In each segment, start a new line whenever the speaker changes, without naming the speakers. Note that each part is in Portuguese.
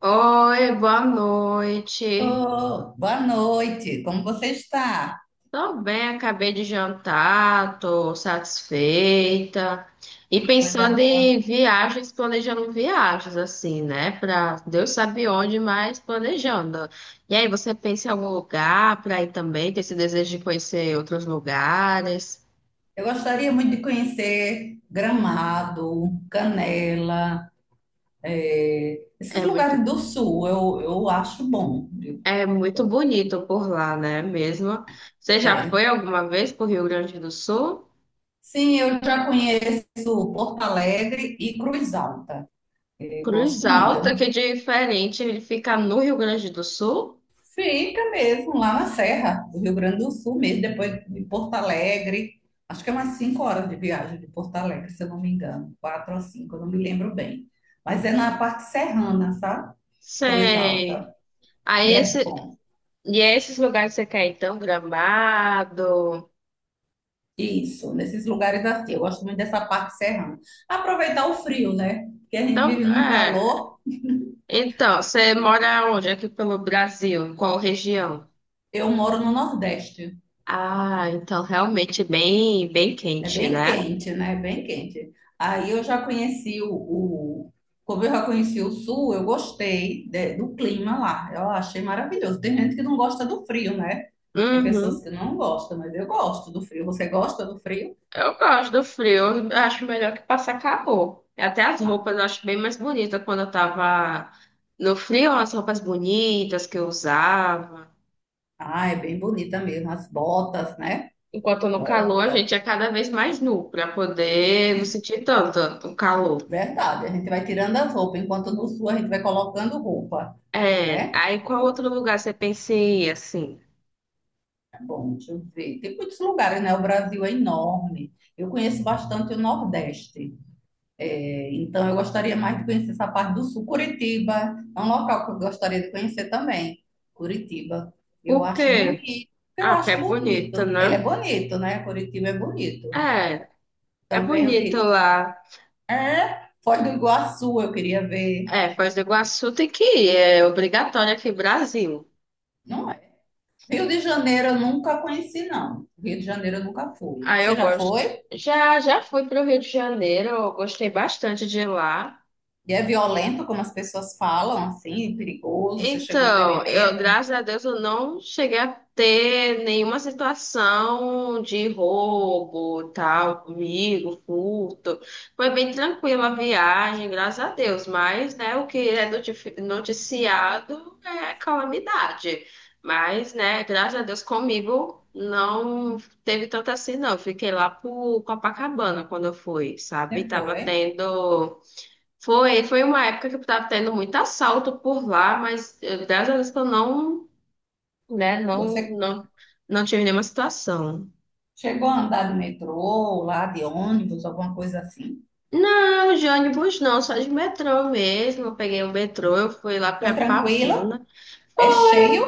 Oi, boa noite.
Oh, boa noite, como você está?
Tô bem, acabei de jantar, tô satisfeita. E
Que coisa
pensando
boa.
em viagens, planejando viagens, assim, né? Pra Deus sabe onde, mas planejando. E aí, você pensa em algum lugar pra ir também? Tem esse desejo de conhecer outros lugares?
Eu gostaria muito de conhecer Gramado, Canela, esses
É muito,
lugares do sul, eu acho bom, viu?
é muito bonito por lá, né? Mesmo. Você já foi
É.
alguma vez pro Rio Grande do Sul?
Sim, eu já conheço Porto Alegre e Cruz Alta. Eu
Cruz
gosto muito. É
Alta, que é
um...
diferente, ele fica no Rio Grande do Sul?
Fica mesmo, lá na Serra do Rio Grande do Sul mesmo, depois de Porto Alegre. Acho que é umas 5 horas de viagem de Porto Alegre, se eu não me engano. Quatro ou cinco, eu não me lembro bem. Mas é na parte serrana, sabe? Cruz
Sei.
Alta. E
Aí
é
esse,
bom.
e é esses lugares que você quer, então, Gramado.
Isso, nesses lugares assim. Eu gosto muito dessa parte serrana. Aproveitar o frio, né? Porque a gente
Então,
vive num
é.
calor.
Então, você mora onde? Aqui pelo Brasil, em qual região?
Eu moro no Nordeste.
Ah, então realmente bem, bem
É
quente,
bem
né?
quente, né? É bem quente. Aí eu já conheci como eu já conheci o sul, eu gostei do clima lá. Eu achei maravilhoso. Tem gente que não gosta do frio, né? Tem pessoas
Uhum.
que não gostam, mas eu gosto do frio. Você gosta do frio?
Eu gosto do frio, eu acho melhor que passar calor. Até as roupas eu acho bem mais bonita quando eu tava no frio, as roupas bonitas que eu usava.
Ah, é bem bonita mesmo. As botas, né?
Enquanto no calor, a
Bota.
gente é cada vez mais nu para poder não sentir tanto o calor.
Verdade. A gente vai tirando as roupas, enquanto no sul a gente vai colocando roupa,
É,
né?
aí qual outro lugar você pensa em ir, assim?
Tá bom, deixa eu ver. Tem muitos lugares, né? O Brasil é enorme. Eu conheço bastante o Nordeste. Então, eu gostaria mais de conhecer essa parte do sul. Curitiba é um local que eu gostaria de conhecer também. Curitiba. Eu
Por
acho
quê?
bonito. Eu
Ah, porque
acho
é bonito,
bonito. Ele é
né?
bonito, né? Curitiba é bonito.
É, é
Também eu
bonito
queria.
lá.
É, Foz do Iguaçu eu queria ver.
É, Foz do Iguaçu tem que ir, é obrigatório aqui no Brasil.
Não é? Rio de Janeiro eu nunca conheci, não. Rio de Janeiro eu nunca fui.
Ah,
Você
eu
já
gosto.
foi?
Já, já fui para o Rio de Janeiro, eu gostei bastante de lá.
E é violento, como as pessoas falam, assim, perigoso. Você chegou,
Então,
teve
eu,
medo?
graças a Deus, eu não cheguei a ter nenhuma situação de roubo, tal, comigo, furto. Foi bem tranquila a viagem, graças a Deus. Mas, né, o que é noticiado é calamidade. Mas, né, graças a Deus, comigo não teve tanto assim, não. Eu fiquei lá pro Copacabana quando eu fui, sabe?
Você
Tava
foi?
tendo. Foi, foi uma época que eu tava tendo muito assalto por lá, mas graças a Deus que eu não, né, não,
Você
não, não tive nenhuma situação.
chegou a andar de metrô, lá de ônibus, alguma coisa assim.
Não, de ônibus não, só de metrô mesmo. Eu peguei um metrô, eu fui lá
Foi
pra
tranquila?
Pavuna.
É cheio?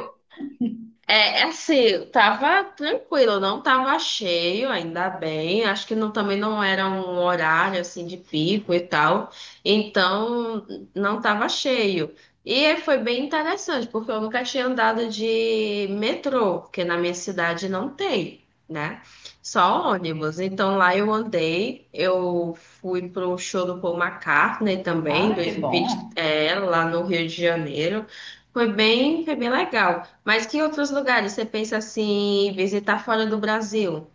É, é assim, tava tranquilo, não tava cheio, ainda bem. Acho que não, também não era um horário assim de pico e tal. Então, não tava cheio. E foi bem interessante, porque eu nunca tinha andado de metrô, porque na minha cidade não tem, né? Só ônibus. Então lá eu andei, eu fui pro show do Paul McCartney também,
Ah, que
2020,
bom.
é, lá no Rio de Janeiro. Foi bem legal. Mas que outros lugares você pensa assim, em visitar fora do Brasil?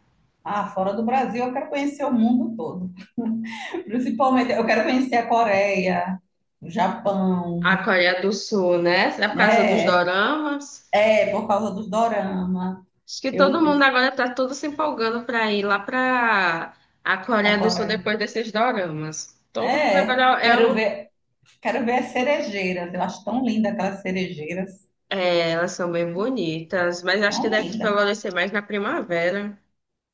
Ah, fora do Brasil, eu quero conhecer o mundo todo. Principalmente, eu quero conhecer a Coreia, o Japão,
A Coreia do Sul, né? Será por causa dos
né?
doramas?
É, por causa dos dorama.
Acho que todo
Eu,
mundo agora tá todo se empolgando para ir lá para a
a
Coreia do Sul
Coreia.
depois desses doramas. Todo mundo
É,
agora é, o-
quero ver as cerejeiras. Eu acho tão linda aquelas cerejeiras.
É, elas são bem bonitas, mas acho que
Tão
deve
linda.
florescer mais na primavera.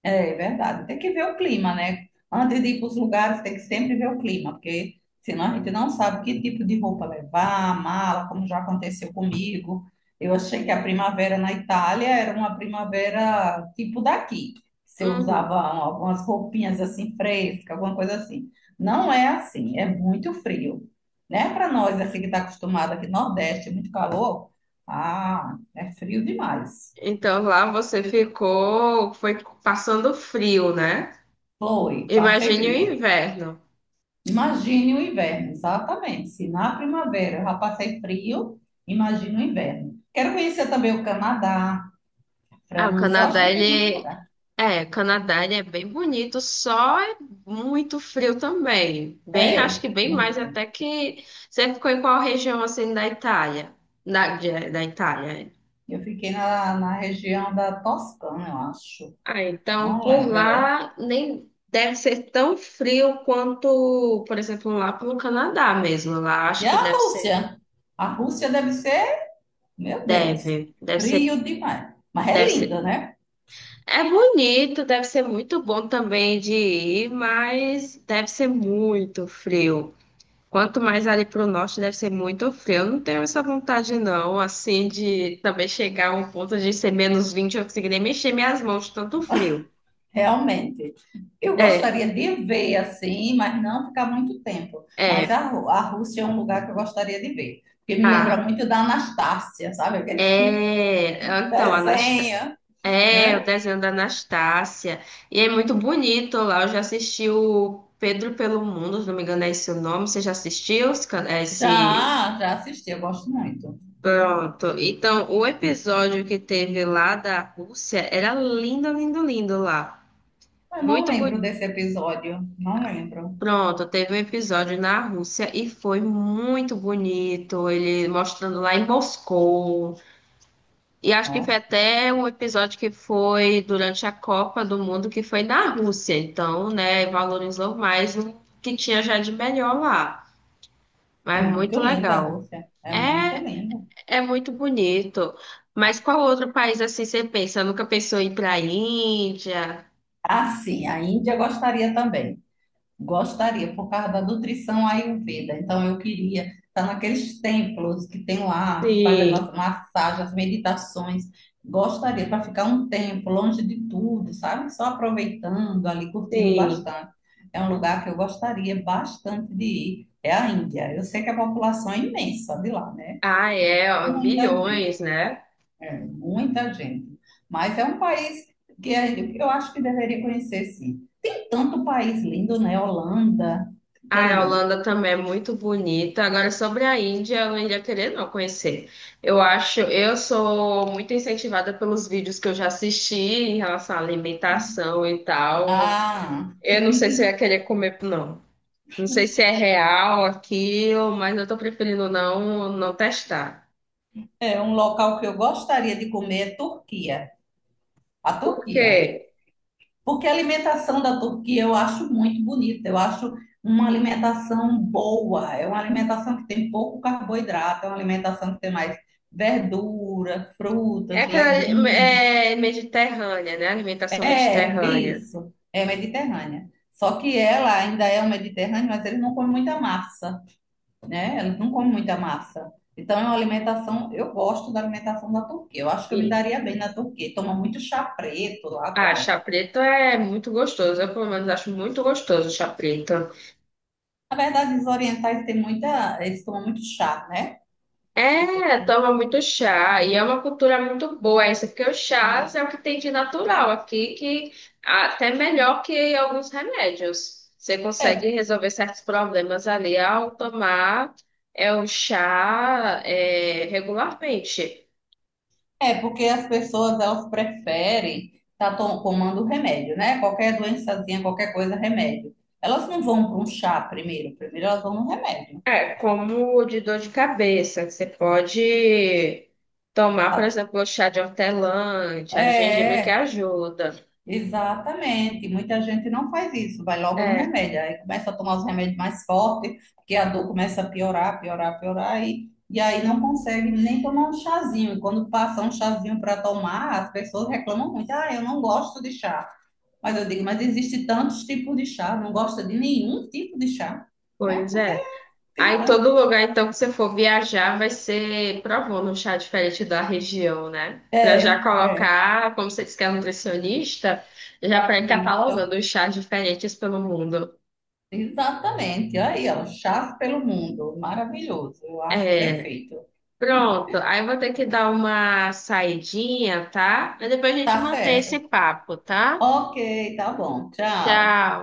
É verdade, tem que ver o clima, né? Antes de ir para os lugares, tem que sempre ver o clima, porque senão a gente não sabe que tipo de roupa levar, mala, como já aconteceu comigo. Eu achei que a primavera na Itália era uma primavera tipo daqui. Você
Uhum.
usava algumas roupinhas assim frescas, alguma coisa assim. Não é assim, é muito frio, né? Para nós, assim que está acostumado aqui no Nordeste, muito calor, ah, é frio demais.
Então lá você ficou, foi passando frio, né?
Foi, passei
Imagine o
frio.
inverno.
Imagine o inverno, exatamente. Se na primavera eu já passei frio, imagine o inverno. Quero conhecer também o Canadá,
Ah, o
França, eu acho
Canadá,
que tem muito
ele,
lugar.
é, Canadá ele é bem bonito, só é muito frio também. Bem, acho que
É,
bem mais
muito.
até que você ficou em qual região assim da Itália? Da Itália. É.
Eu fiquei na região da Toscana, eu acho.
Ah, então
Não
por
lembro, é.
lá nem deve ser tão frio quanto, por exemplo, lá pelo Canadá mesmo. Lá
E
acho que
a
deve ser,
Rússia? A Rússia deve ser, meu Deus,
deve ser,
frio demais. Mas é
deve ser.
linda, né?
É bonito, deve ser muito bom também de ir, mas deve ser muito frio. Quanto mais ali para o norte deve ser muito frio. Eu não tenho essa vontade, não, assim, de também chegar a um ponto de ser -20 eu conseguir nem mexer minhas mãos, de tanto frio.
Realmente, eu
É,
gostaria de ver assim, mas não ficar muito tempo. Mas
é,
a a Rússia é um lugar que eu gostaria de ver, porque me lembra
ah,
muito da Anastácia, sabe? Aquele filme,
é. Então, Anasta...
desenho,
é o
né?
desenho da Anastácia. E é muito bonito lá. Eu já assisti o Pedro pelo Mundo, se não me engano, é esse o nome. Você já assistiu esse?
Já, já assisti, eu gosto muito.
Pronto. Então, o episódio que teve lá da Rússia era lindo, lindo, lindo lá.
Mas não
Muito
lembro
bonito.
desse episódio, não lembro.
Pronto, teve um episódio na Rússia e foi muito bonito. Ele mostrando lá em Moscou. E acho que foi
Nossa,
até um episódio que foi durante a Copa do Mundo, que foi na Rússia. Então, né, valorizou mais o que tinha já de melhor lá.
é
Mas
muito
muito
linda a
legal.
Rússia, é muito
É,
linda.
é muito bonito. Mas qual outro país assim você pensa? Nunca pensou em ir para a Índia?
Ah, sim, a Índia eu gostaria também. Gostaria, por causa da nutrição Ayurveda. Então, eu queria estar naqueles templos que tem lá, que faz
Sim,
aquelas massagens, as meditações. Gostaria para ficar um tempo longe de tudo, sabe? Só aproveitando ali, curtindo
sim.
bastante. É um lugar que eu gostaria bastante de ir. É a Índia. Eu sei que a população é imensa de lá, né?
Ah,
É
é, ó,
muita gente.
bilhões, né?
É, muita gente. Mas é um país que é- eu acho que deveria conhecer, sim. Tem tanto país lindo, né? Holanda, que
Ah,
é
a
lindo.
Holanda também é muito bonita. Agora, sobre a Índia, eu não iria querer não conhecer. Eu acho, eu sou muito incentivada pelos vídeos que eu já assisti em relação à alimentação e tal.
Ah,
Eu não sei se eu ia querer comer, não. Não sei se é real aquilo, mas eu tô preferindo não, não testar.
é um local que eu gostaria de comer é Turquia. A
Por quê?
Turquia. Porque a alimentação da Turquia eu acho muito bonita. Eu acho uma alimentação boa. É uma alimentação que tem pouco carboidrato. É uma alimentação que tem mais verdura,
É
frutas,
aquela
legumes.
é mediterrânea, né? Alimentação
É,
mediterrânea.
isso. É mediterrânea. Só que ela ainda é um mediterrâneo, mas eles não comem muita massa, né? Eles não comem muita massa. Então é uma alimentação, eu gosto da alimentação da Turquia. Eu acho que eu me
E,
daria bem na Turquia. Toma muito chá preto lá
ah, chá
também.
preto é muito gostoso. Eu, pelo menos, acho muito gostoso chá preto.
Na verdade, os orientais têm muita, eles tomam muito chá, né? Você...
É, toma muito chá e é uma cultura muito boa essa, porque o chá é o que tem de natural aqui, que até melhor que alguns remédios. Você consegue
É,
resolver certos problemas ali ao tomar é o chá é, regularmente.
é porque as pessoas elas preferem estar tomando remédio, né? Qualquer doençazinha, qualquer coisa, remédio. Elas não vão para um chá primeiro, primeiro elas vão no remédio.
É, como de dor de cabeça, que você pode tomar, por exemplo, o chá de hortelã, chá de gengibre que
É,
ajuda.
exatamente. Muita gente não faz isso, vai logo no
É,
remédio. Aí começa a tomar os remédios mais fortes, porque a dor começa a piorar, piorar, piorar, e aí não consegue nem tomar um chazinho. E quando passa um chazinho para tomar, as pessoas reclamam muito. Ah, eu não gosto de chá. Mas eu digo, mas existe tantos tipos de chá, não gosta de nenhum tipo de chá, né?
pois
Porque
é.
tem
Aí todo
tantos.
lugar, então, que você for viajar vai ser provando um chá diferente da região, né? Pra já
É, é.
colocar, como você disse que é nutricionista, já para ir
Isso.
catalogando os chás diferentes pelo mundo.
Exatamente. Aí, ó, chás pelo mundo. Maravilhoso. Eu acho
É,
perfeito.
pronto. Aí eu vou ter que dar uma saidinha, tá? Mas depois a gente
Tá
mantém esse
certo.
papo, tá?
Ok, tá bom. Tchau.
Tchau.